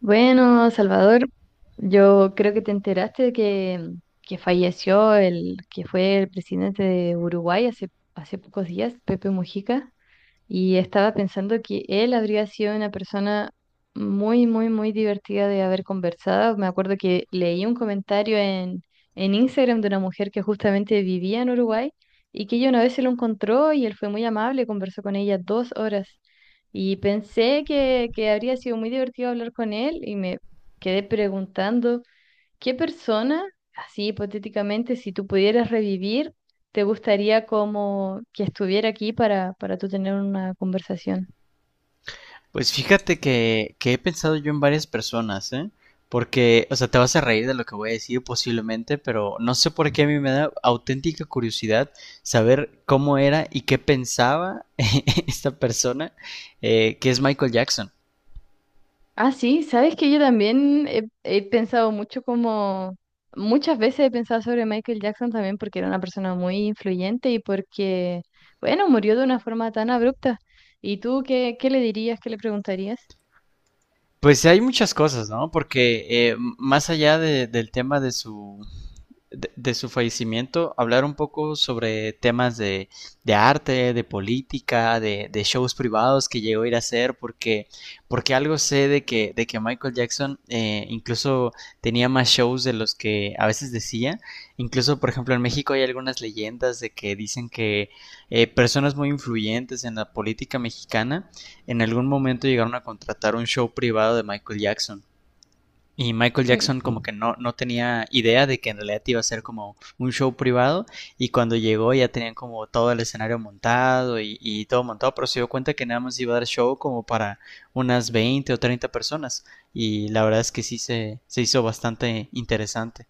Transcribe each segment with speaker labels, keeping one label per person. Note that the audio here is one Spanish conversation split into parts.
Speaker 1: Bueno, Salvador, yo creo que te enteraste de que falleció el que fue el presidente de Uruguay hace pocos días, Pepe Mujica. Y estaba pensando que él habría sido una persona muy, muy, muy divertida de haber conversado. Me acuerdo que leí un comentario en Instagram de una mujer que justamente vivía en Uruguay y que ella una vez se lo encontró y él fue muy amable, conversó con ella 2 horas. Y pensé que habría sido muy divertido hablar con él y me quedé preguntando. ¿Qué persona, así hipotéticamente, si tú pudieras revivir, te gustaría como que estuviera aquí para tú tener una conversación?
Speaker 2: Pues fíjate que he pensado yo en varias personas, ¿eh? Porque, o sea, te vas a reír de lo que voy a decir posiblemente, pero no sé por qué a mí me da auténtica curiosidad saber cómo era y qué pensaba esta persona que es Michael Jackson.
Speaker 1: Ah, sí, sabes que yo también he pensado mucho como, muchas veces he pensado sobre Michael Jackson también porque era una persona muy influyente y porque, bueno, murió de una forma tan abrupta. ¿Y tú qué le dirías, qué le preguntarías?
Speaker 2: Pues hay muchas cosas, ¿no? Porque más allá del tema de su, de su fallecimiento, hablar un poco sobre temas de arte, de política, de shows privados que llegó a ir a hacer, porque algo sé de de que Michael Jackson incluso tenía más shows de los que a veces decía. Incluso, por ejemplo, en México hay algunas leyendas de que dicen que personas muy influyentes en la política mexicana en algún momento llegaron a contratar un show privado de Michael Jackson. Y Michael Jackson como
Speaker 1: Mm.
Speaker 2: que no, no tenía idea de que en realidad iba a ser como un show privado y cuando llegó ya tenían como todo el escenario montado y todo montado, pero se dio cuenta que nada más iba a dar show como para unas 20 o 30 personas y la verdad es que sí se hizo bastante interesante.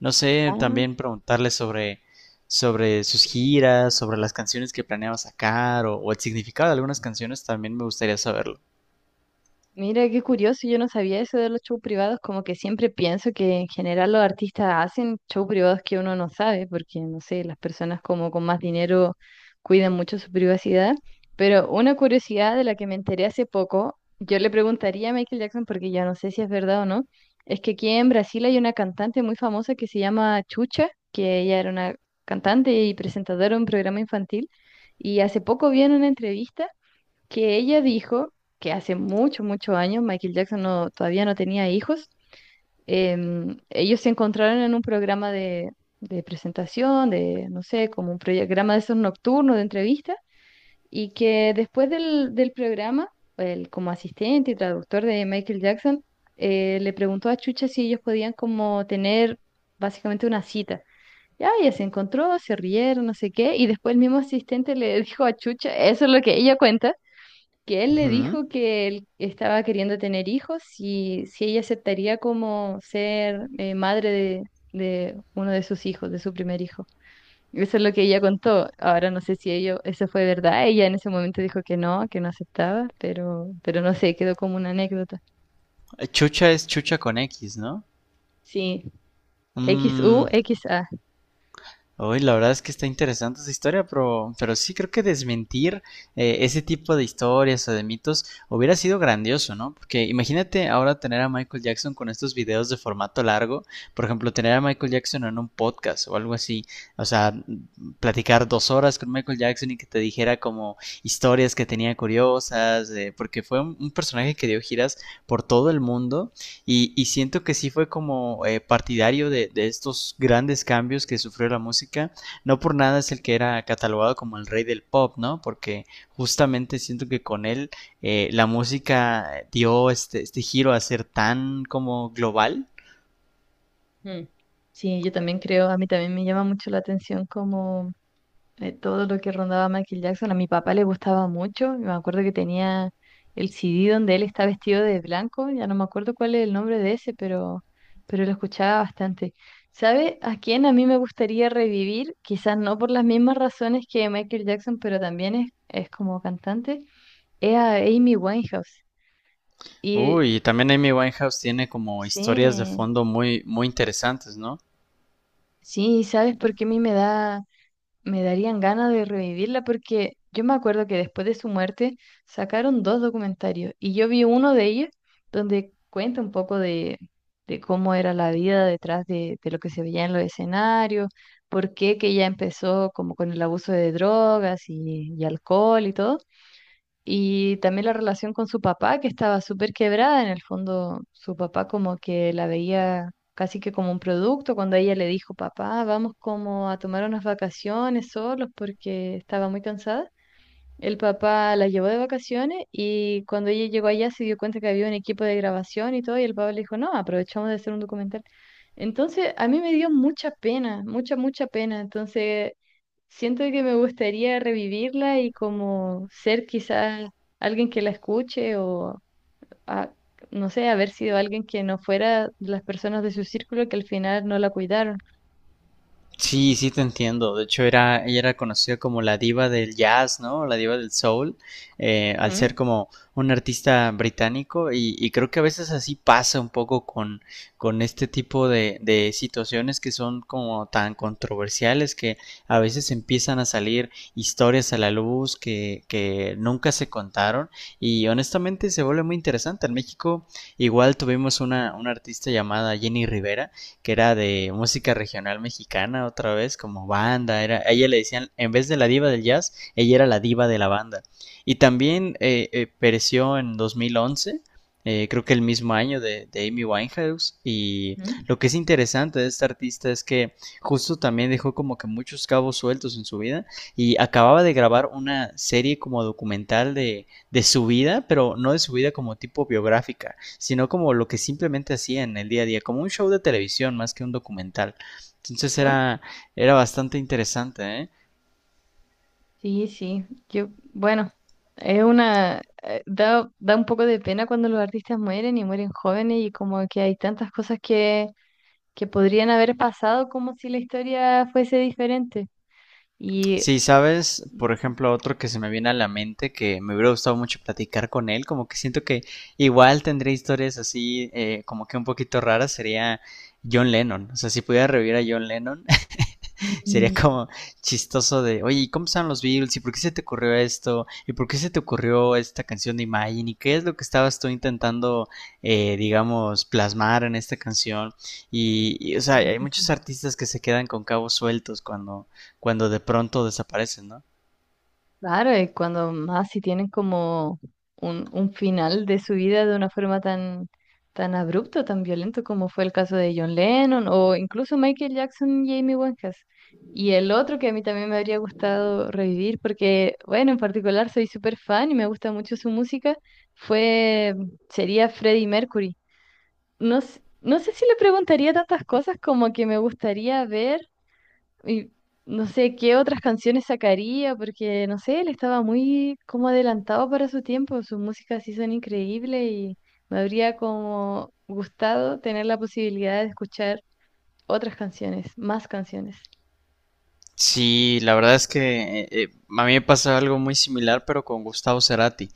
Speaker 2: No sé,
Speaker 1: Ah.
Speaker 2: también preguntarle sobre sus giras, sobre las canciones que planeaba sacar o el significado de algunas canciones también me gustaría saberlo.
Speaker 1: Mira, qué curioso, yo no sabía eso de los shows privados, como que siempre pienso que en general los artistas hacen shows privados que uno no sabe, porque no sé, las personas como con más dinero cuidan mucho su privacidad, pero una curiosidad de la que me enteré hace poco, yo le preguntaría a Michael Jackson, porque ya no sé si es verdad o no, es que aquí en Brasil hay una cantante muy famosa que se llama Chucha, que ella era una cantante y presentadora de un programa infantil, y hace poco vi en una entrevista que ella dijo que hace mucho muchos años Michael Jackson todavía no tenía hijos. Ellos se encontraron en un programa de presentación, de, no sé, como un programa de esos nocturnos de entrevista, y que después del programa, él como asistente y traductor de Michael Jackson, le preguntó a Chucha si ellos podían como tener básicamente una cita. Ya, ella se encontró, se rieron, no sé qué, y después el mismo asistente le dijo a Chucha, eso es lo que ella cuenta, que él le
Speaker 2: Ujú.
Speaker 1: dijo que él estaba queriendo tener hijos y si ella aceptaría como ser madre de uno de sus hijos, de su primer hijo. Eso es lo que ella contó. Ahora no sé si ello, eso fue verdad. Ella en ese momento dijo que no aceptaba, pero no sé, quedó como una anécdota.
Speaker 2: Chucha es chucha con X, ¿no?
Speaker 1: Sí, XU,
Speaker 2: Mm,
Speaker 1: XA.
Speaker 2: hoy la verdad es que está interesante esa historia, pero sí creo que desmentir ese tipo de historias o de mitos hubiera sido grandioso, ¿no? Porque imagínate ahora tener a Michael Jackson con estos videos de formato largo, por ejemplo, tener a Michael Jackson en un podcast o algo así, o sea, platicar 2 horas con Michael Jackson y que te dijera como historias que tenía curiosas, porque fue un personaje que dio giras por todo el mundo y siento que sí fue como partidario de estos grandes cambios que sufrió la música. No por nada es el que era catalogado como el rey del pop, ¿no? Porque justamente siento que con él la música dio este giro a ser tan como global.
Speaker 1: Mm. Sí, yo también creo, a mí también me llama mucho la atención como todo lo que rondaba Michael Jackson. A mi papá le gustaba mucho. Me acuerdo que tenía el CD donde él está vestido de blanco. Ya no me acuerdo cuál es el nombre de ese, pero lo escuchaba bastante. ¿Sabe a quién a mí me gustaría revivir? Quizás no por las mismas razones que Michael Jackson, pero también es como cantante. Es a Amy Winehouse. Y
Speaker 2: Uy, y también Amy Winehouse tiene como historias de
Speaker 1: sí,
Speaker 2: fondo muy, muy interesantes, ¿no?
Speaker 1: sí, ¿sabes por qué a mí me darían ganas de revivirla porque yo me acuerdo que después de su muerte sacaron dos documentarios y yo vi uno de ellos donde cuenta un poco de cómo era la vida detrás de lo que se veía en los escenarios, por qué que ella empezó como con el abuso de drogas y alcohol y todo. Y también la relación con su papá, que estaba súper quebrada. En el fondo, su papá como que la veía casi que como un producto. Cuando ella le dijo, papá, vamos como a tomar unas vacaciones solos porque estaba muy cansada. El papá la llevó de vacaciones y cuando ella llegó allá se dio cuenta que había un equipo de grabación y todo, y el papá le dijo, no, aprovechamos de hacer un documental. Entonces, a mí me dio mucha pena, mucha, mucha pena. Entonces, siento que me gustaría revivirla y como ser quizás alguien que la escuche o, a- no sé, haber sido alguien que no fuera de las personas de su círculo que al final no la cuidaron.
Speaker 2: Sí, sí te entiendo. De hecho, ella era conocida como la diva del jazz, ¿no? La diva del soul, al
Speaker 1: Ujú,
Speaker 2: ser como un artista británico y creo que a veces así pasa un poco con este tipo de situaciones que son como tan controversiales que a veces empiezan a salir historias a la luz que nunca se contaron y honestamente se vuelve muy interesante. En México igual tuvimos una artista llamada Jenny Rivera que era de música regional mexicana otra vez, como banda, a ella le decían, en vez de la diva del jazz, ella era la diva de la banda. Y también pereció en 2011, creo que el mismo año de, Amy Winehouse. Y
Speaker 1: ujú.
Speaker 2: lo que es interesante de esta artista es que justo también dejó como que muchos cabos sueltos en su vida y acababa de grabar una serie como documental de su vida, pero no de su vida como tipo biográfica, sino como lo que simplemente hacía en el día a día, como un show de televisión más que un documental. Entonces
Speaker 1: ¿Ah?
Speaker 2: era bastante interesante, ¿eh?
Speaker 1: Sí, sí, yo, bueno, es una, da un poco de pena cuando los artistas mueren y mueren jóvenes y como que hay tantas cosas que podrían haber pasado como si la historia fuese diferente. Y
Speaker 2: Sí, sabes, por
Speaker 1: ujú.
Speaker 2: ejemplo, otro que se me viene a la mente que me hubiera gustado mucho platicar con él, como que siento que igual tendría historias así, como que un poquito raras, sería John Lennon. O sea, si pudiera revivir a John Lennon, sería
Speaker 1: Mm,
Speaker 2: como chistoso de, oye, ¿cómo son los Beatles? ¿Y por qué se te ocurrió esto? ¿Y por qué se te ocurrió esta canción de Imagine? ¿Y qué es lo que estabas tú intentando, digamos, plasmar en esta canción? O sea,
Speaker 1: sí,
Speaker 2: hay
Speaker 1: sí,
Speaker 2: muchos
Speaker 1: sí.
Speaker 2: artistas que se quedan con cabos sueltos cuando de pronto desaparecen, ¿no?
Speaker 1: Claro, y cuando más si tienen como un final de su vida de una forma tan, tan abrupto, tan violento como fue el caso de John Lennon o incluso Michael Jackson y Amy Winehouse. Y el otro que a mí también me habría gustado revivir porque, bueno, en particular soy súper fan y me gusta mucho su música, fue, sería Freddie Mercury. No, no sé si le preguntaría tantas cosas como que me gustaría ver. Y no sé qué otras canciones sacaría, porque no sé, él estaba muy como adelantado para su tiempo, sus músicas sí son increíbles y me habría como gustado tener la posibilidad de escuchar otras canciones, más canciones.
Speaker 2: Sí, la verdad es que a mí me pasó algo muy similar, pero con Gustavo Cerati.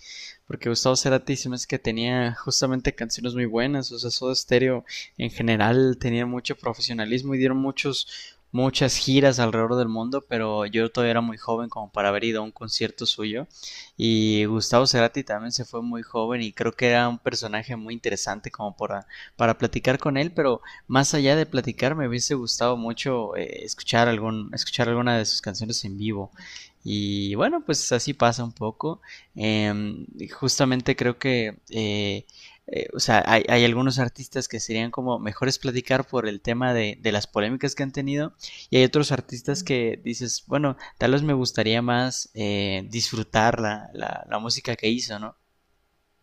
Speaker 2: Porque Gustavo Cerati se me hace que tenía justamente canciones muy buenas. O sea, Soda Stereo en general tenía mucho profesionalismo y dieron muchas giras alrededor del mundo. Pero yo todavía era muy joven como para haber ido a un concierto suyo. Y Gustavo Cerati también se fue muy joven y creo que era un personaje muy interesante como para platicar con él. Pero más allá de platicar, me hubiese gustado mucho escuchar alguna de sus canciones en vivo. Y bueno, pues así pasa un poco. Eh, justamente creo que, o sea, algunos artistas que serían como mejores platicar por el tema de las polémicas que han tenido. Y hay otros artistas que dices, bueno, tal vez me gustaría más disfrutar la música que hizo, ¿no?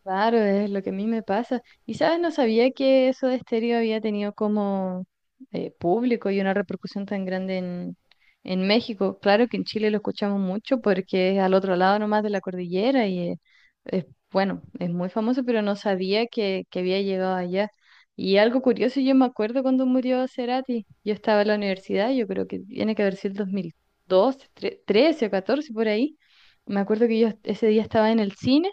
Speaker 1: Claro, es lo que a mí me pasa. Y sabes, no sabía que eso de estéreo había tenido como público y una repercusión tan grande en México. Claro que en Chile lo escuchamos mucho porque es al otro lado nomás de la cordillera y es, bueno, es muy famoso, pero no sabía que había llegado allá. Y algo curioso, yo me acuerdo cuando murió Cerati, yo estaba en la universidad, yo creo que tiene que haber sido el 2012, 13 o 14 por ahí. Me acuerdo que yo ese día estaba en el cine.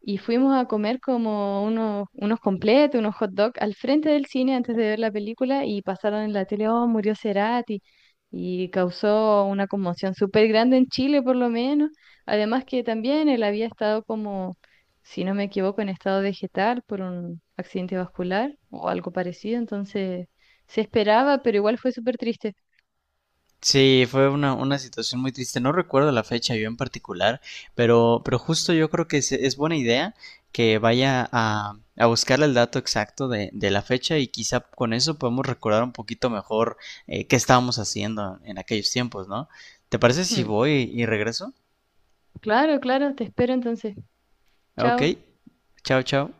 Speaker 1: Y fuimos a comer como unos completos, unos hot dogs al frente del cine antes de ver la película y pasaron en la tele, oh, murió Cerati y causó una conmoción súper grande en Chile por lo menos. Además que también él había estado como, si no me equivoco, en estado vegetal por un accidente vascular o algo parecido, entonces se esperaba, pero igual fue súper triste.
Speaker 2: Sí, fue una situación muy triste. No recuerdo la fecha yo en particular, pero justo yo creo que es buena idea que vaya a buscar el dato exacto de la fecha y quizá con eso podemos recordar un poquito mejor qué estábamos haciendo en aquellos tiempos, ¿no? ¿Te parece si
Speaker 1: Mm.
Speaker 2: voy y regreso?
Speaker 1: Claro, claro, te espero entonces.
Speaker 2: Ok,
Speaker 1: Chao.
Speaker 2: chao, chao.